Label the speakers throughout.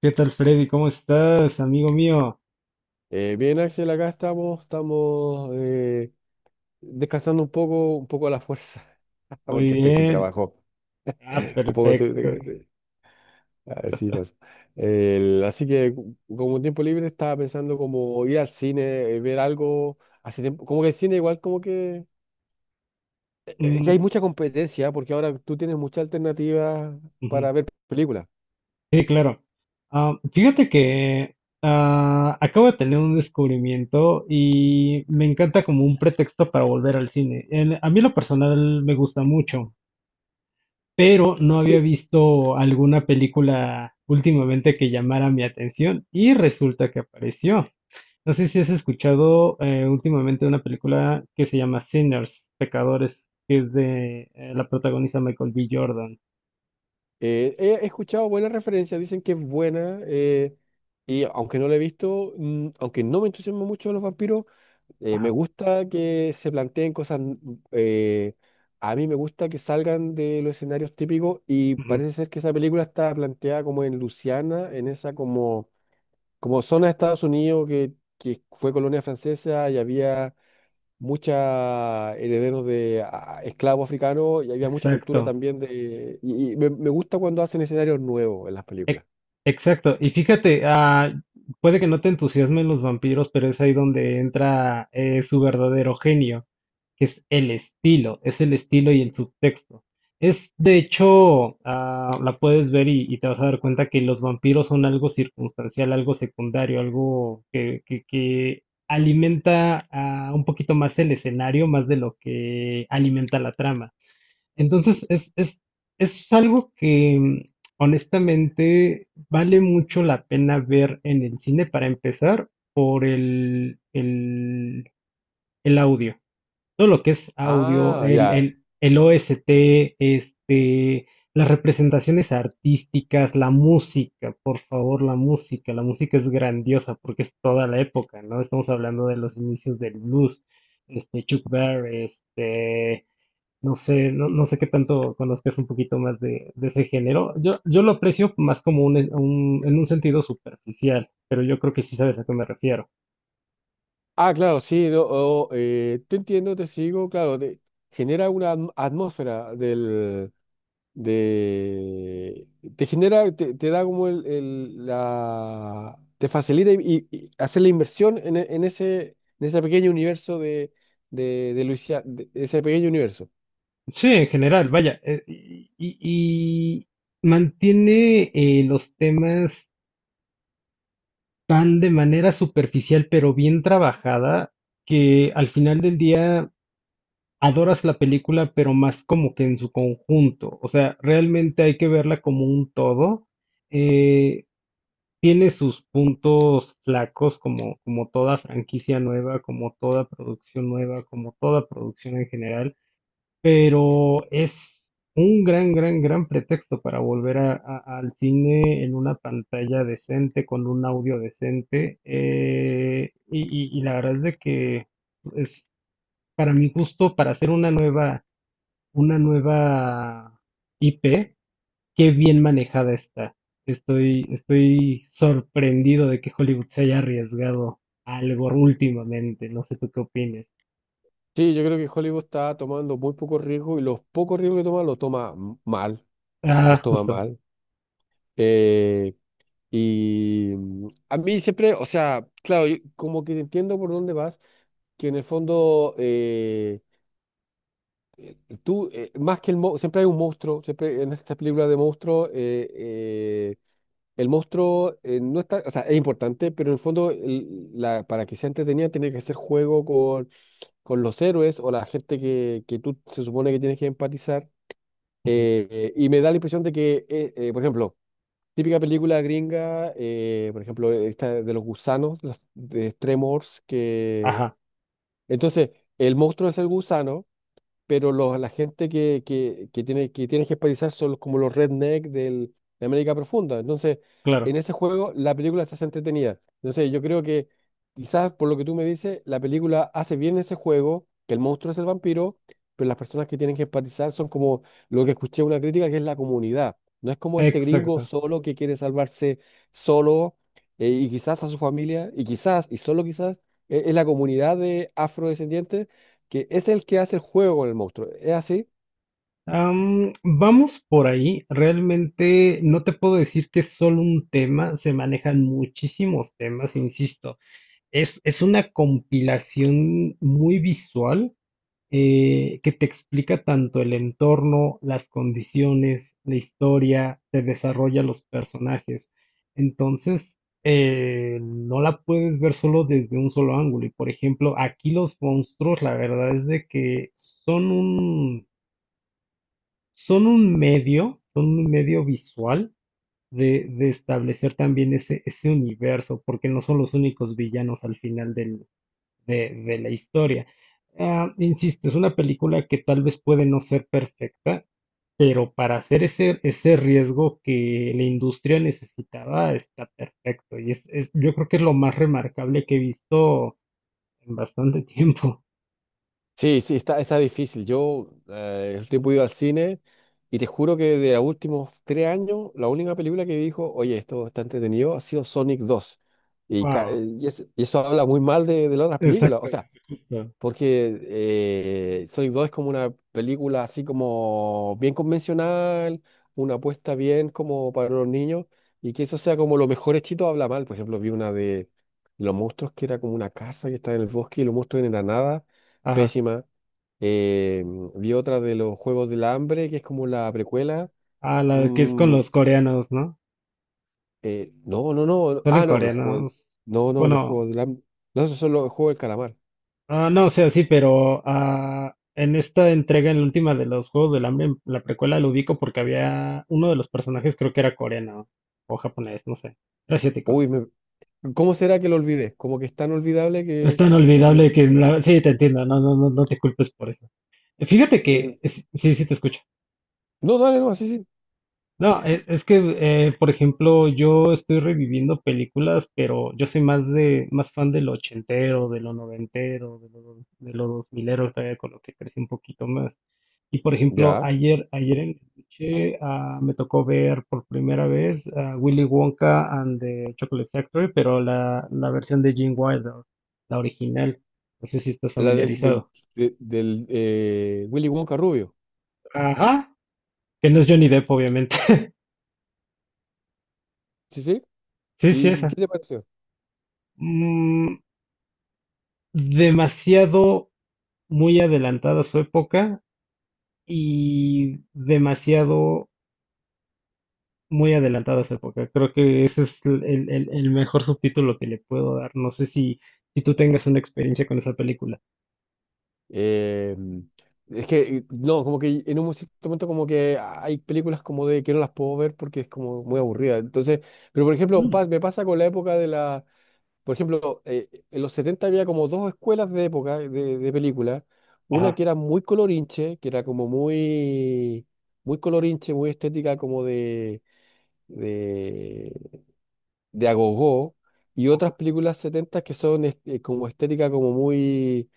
Speaker 1: ¿Qué tal, Freddy? ¿Cómo estás, amigo mío?
Speaker 2: Bien, Axel, acá estamos, estamos, descansando un poco a la fuerza,
Speaker 1: Muy
Speaker 2: porque estoy sin
Speaker 1: bien.
Speaker 2: trabajo.
Speaker 1: Ah,
Speaker 2: Un poco estoy.
Speaker 1: perfecto.
Speaker 2: Así pasa. Así que, como tiempo libre, estaba pensando como ir al cine, ver algo. Hace tiempo, como que el cine, igual, como que. Es que hay
Speaker 1: Mm,
Speaker 2: mucha competencia, porque ahora tú tienes muchas alternativas
Speaker 1: ujú.
Speaker 2: para ver películas.
Speaker 1: Sí, claro. Ah, fíjate que acabo de tener un descubrimiento y me encanta como un pretexto para volver al cine. A mí en lo personal me gusta mucho, pero no había
Speaker 2: Sí.
Speaker 1: visto alguna película últimamente que llamara mi atención y resulta que apareció. No sé si has escuchado últimamente una película que se llama Sinners, Pecadores, que es de la protagoniza Michael B. Jordan.
Speaker 2: He escuchado buenas referencias, dicen que es buena, y aunque no la he visto, aunque no me entusiasma mucho los vampiros, me
Speaker 1: Ajá,
Speaker 2: gusta que se planteen cosas, eh, a mí me gusta que salgan de los escenarios típicos, y
Speaker 1: ujú.
Speaker 2: parece ser que esa película está planteada como en Luisiana, en esa como, como zona de Estados Unidos que fue colonia francesa, y había muchos herederos de esclavos africanos, y había mucha cultura
Speaker 1: Exacto.
Speaker 2: también de... Y me gusta cuando hacen escenarios nuevos en las películas.
Speaker 1: Ex- Exacto. Y fíjate, puede que no te entusiasmen los vampiros, pero es ahí donde entra su verdadero genio, que es el estilo y el subtexto. Es, de hecho, la puedes ver y te vas a dar cuenta que los vampiros son algo circunstancial, algo secundario, algo que alimenta un poquito más el escenario, más de lo que alimenta la trama. Entonces, es algo que honestamente vale mucho la pena ver en el cine para empezar por el audio. Todo lo que es audio,
Speaker 2: Ah, ya.
Speaker 1: el OST, este, las representaciones artísticas, la música, por favor, la música. La música es grandiosa porque es toda la época, ¿no? Estamos hablando de los inicios del blues, este, Chuck Berry, este no sé, no sé qué tanto conozcas un poquito más de ese género. Yo lo aprecio más como un, en un sentido superficial, pero yo creo que sí sabes a qué me refiero.
Speaker 2: Ah, claro, sí, no, oh, te entiendo, te sigo, claro, genera una atmósfera del... de... te genera, te da como la... te facilita y, y hacer la inversión en, en ese pequeño universo de, de Luisiana, de ese pequeño universo.
Speaker 1: Sí, en general, vaya, y mantiene los temas tan de manera superficial, pero bien trabajada, que al final del día adoras la película, pero más como que en su conjunto. O sea, realmente hay que verla como un todo. Eh, Tiene sus puntos flacos como, como toda franquicia nueva, como toda producción nueva, como toda producción en general, pero es un gran, gran, gran pretexto para volver al cine en una pantalla decente, con un audio decente. Y la verdad es de que es para mi gusto, para hacer una nueva IP, qué bien manejada está. Estoy sorprendido de que Hollywood se haya arriesgado a algo últimamente. No sé tú qué opines.
Speaker 2: Sí, yo creo que Hollywood está tomando muy pocos riesgos y los pocos riesgos que toma los toma mal, los
Speaker 1: Ah,
Speaker 2: toma
Speaker 1: justo.
Speaker 2: mal. Eh, y a mí siempre, o sea, claro, yo como que entiendo por dónde vas, que en el fondo tú, más que el monstruo, siempre hay un monstruo, siempre en estas películas de monstruos, el monstruo no está, o sea, es importante, pero en el fondo la, para que sea entretenida tiene que hacer juego con los héroes o la gente que tú se supone que tienes que empatizar.
Speaker 1: Ujú.
Speaker 2: Y me da la impresión de que, por ejemplo, típica película gringa, por ejemplo, esta de los gusanos, los, de Tremors, que...
Speaker 1: Ajá,
Speaker 2: Entonces, el monstruo es el gusano, pero los, la gente que tiene, que tienes que esparizar son como los redneck del, de América Profunda. Entonces,
Speaker 1: claro.
Speaker 2: en ese juego la película se hace entretenida. Entonces, yo creo que quizás por lo que tú me dices, la película hace bien ese juego, que el monstruo es el vampiro, pero las personas que tienen que empatizar son como lo que escuché una crítica, que es la comunidad. No es como este gringo
Speaker 1: Exacto.
Speaker 2: solo que quiere salvarse solo y quizás a su familia, y quizás, y solo quizás, es la comunidad de afrodescendientes que es el que hace el juego con el monstruo. ¿Es así?
Speaker 1: Vamos por ahí. Realmente no te puedo decir que es solo un tema. Se manejan muchísimos temas, insisto. Es una compilación muy visual que te explica tanto el entorno, las condiciones, la historia, te desarrolla los personajes. Entonces, no la puedes ver solo desde un solo ángulo. Y por ejemplo, aquí los monstruos, la verdad es de que son un medio visual. De establecer también ese universo, porque no son los únicos villanos al final de la historia. Ah, insisto, es una película que tal vez puede no ser perfecta, pero para hacer ese riesgo que la industria necesitaba está perfecto. Y yo creo que es lo más remarcable que he visto en bastante tiempo.
Speaker 2: Sí, sí, está, está difícil. Yo el tipo he ido al cine y te juro que de los últimos 3 años, la única película que dijo, oye, esto está entretenido, ha sido Sonic 2. Y, ca-
Speaker 1: Wow,
Speaker 2: y es- y eso habla muy mal de las otras películas. O sea,
Speaker 1: exactamente, justo.
Speaker 2: porque Sonic 2 es como una película así como bien convencional, una apuesta bien como para los niños, y que eso sea como lo mejor hechito habla mal. Por ejemplo, vi una de los monstruos que era como una casa que estaba en el bosque y los monstruos en la nada,
Speaker 1: Ajá.
Speaker 2: pésima. Eh, Vi otra de los Juegos del Hambre, que es como la precuela.
Speaker 1: Ah, la que es con
Speaker 2: Mm,
Speaker 1: los coreanos, ¿no?
Speaker 2: no, no, no.
Speaker 1: Salen
Speaker 2: Ah, no, los juegos.
Speaker 1: coreanos.
Speaker 2: No, no, los
Speaker 1: Bueno,
Speaker 2: Juegos del Hambre. No, esos son los Juegos del Calamar.
Speaker 1: ah, no, o sea, sí, pero en esta entrega, en la última de los Juegos del Hambre, en la precuela lo ubico porque había uno de los personajes, creo que era coreano o japonés, no sé, era asiático.
Speaker 2: Uy, me, ¿cómo será que lo olvidé? Como que es tan olvidable
Speaker 1: Es
Speaker 2: que...
Speaker 1: tan olvidable
Speaker 2: que
Speaker 1: que sí, te entiendo, no te culpes por eso. Fíjate
Speaker 2: eh,
Speaker 1: que, sí, sí, te escucho.
Speaker 2: no, dale, no, sí, sí.
Speaker 1: No, es que, por ejemplo, yo estoy reviviendo películas, pero yo soy más de, más fan de lo ochentero, de lo noventero, de lo, de lo dos milero, todavía con lo que crecí un poquito más. Y por ejemplo,
Speaker 2: Ya.
Speaker 1: ayer en la noche, me tocó ver por primera vez a Willy Wonka and the Chocolate Factory, pero la versión de Gene Wilder, la original. No sé si estás
Speaker 2: La del, del,
Speaker 1: familiarizado.
Speaker 2: de- del Willy Wonka rubio.
Speaker 1: Ajá, que no es Johnny Depp, obviamente.
Speaker 2: Sí, sí.
Speaker 1: Sí, sí,
Speaker 2: ¿Y qué
Speaker 1: esa.
Speaker 2: te pareció?
Speaker 1: Mm, demasiado muy adelantada a su época y demasiado muy adelantada a su época. Creo que ese es el mejor subtítulo que le puedo dar. No sé si, si tú tengas una experiencia con esa película.
Speaker 2: Eh, es que, no, como que en un cierto momento como que hay películas como de que no las puedo ver porque es como muy aburrida. Entonces, pero por ejemplo,
Speaker 1: Mm,
Speaker 2: me pasa con la época de la... Por ejemplo, en los 70 había como dos escuelas de época, de película. Una
Speaker 1: ajá,
Speaker 2: que era muy colorinche, que era como muy, muy colorinche, muy estética, como de, de agogó. Y otras películas 70 que son como estética,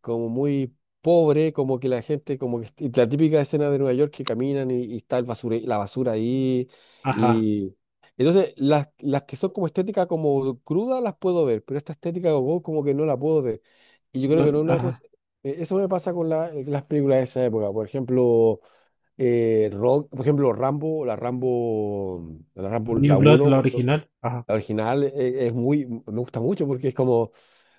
Speaker 2: como muy pobre, como que la gente, como que y la típica escena de Nueva York que caminan y está el la basura ahí.
Speaker 1: ajá,
Speaker 2: Y entonces las que son como estética como cruda las puedo ver, pero esta estética como, como que no la puedo ver. Y yo creo
Speaker 1: no,
Speaker 2: que no es una cosa.
Speaker 1: ajá.
Speaker 2: Eso me pasa con las películas de esa época. Por ejemplo, Rock, por ejemplo, Rambo, la Rambo, la Rambo, la
Speaker 1: New Blood,
Speaker 2: uno,
Speaker 1: la original. Ajá.
Speaker 2: la original, es muy, me gusta mucho porque es como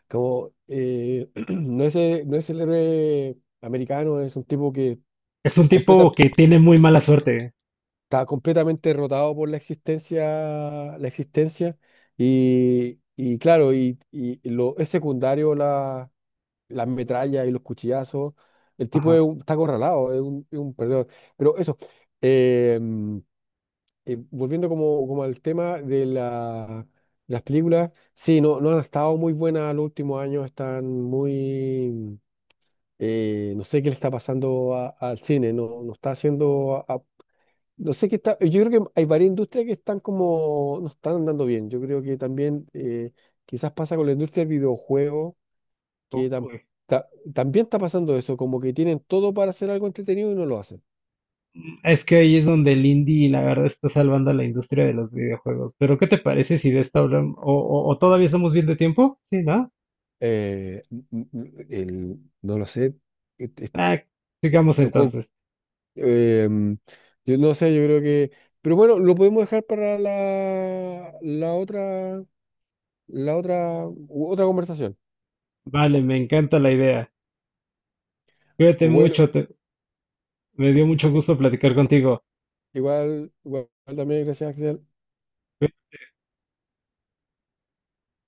Speaker 2: como, no es, no es el héroe americano, es un tipo que
Speaker 1: Es un
Speaker 2: completa,
Speaker 1: tipo que tiene muy mala suerte.
Speaker 2: está completamente derrotado por la existencia, la existencia, y claro, y lo, es secundario la, las metrallas y los cuchillazos. El tipo
Speaker 1: Ajá.
Speaker 2: es está acorralado, es un perdedor. Pero eso, eh, volviendo como, como al tema de las películas, sí, no, no han estado muy buenas en los últimos años, están muy... No sé qué le está pasando al cine, no, no está haciendo... no sé qué está... Yo creo que hay varias industrias que están como... no están andando bien. Yo creo que también quizás pasa con la industria del videojuego, que ta- también está pasando eso, como que tienen todo para hacer algo entretenido y no lo hacen.
Speaker 1: Es que ahí es donde el indie, la verdad, está salvando a la industria de los videojuegos. Pero, ¿qué te parece si de esta hablamos? O todavía estamos bien de tiempo? Sí, ¿no?
Speaker 2: Eh, no lo sé. et- et-
Speaker 1: Ah, sigamos
Speaker 2: o cu-
Speaker 1: entonces.
Speaker 2: em, yo no sé, yo creo que... Pero bueno, lo podemos dejar para la, la otra, otra conversación.
Speaker 1: Vale, me encanta la idea. Cuídate
Speaker 2: Bueno,
Speaker 1: mucho, te- Me dio mucho
Speaker 2: i-
Speaker 1: gusto platicar contigo.
Speaker 2: igual, igual también, gracias, Axel.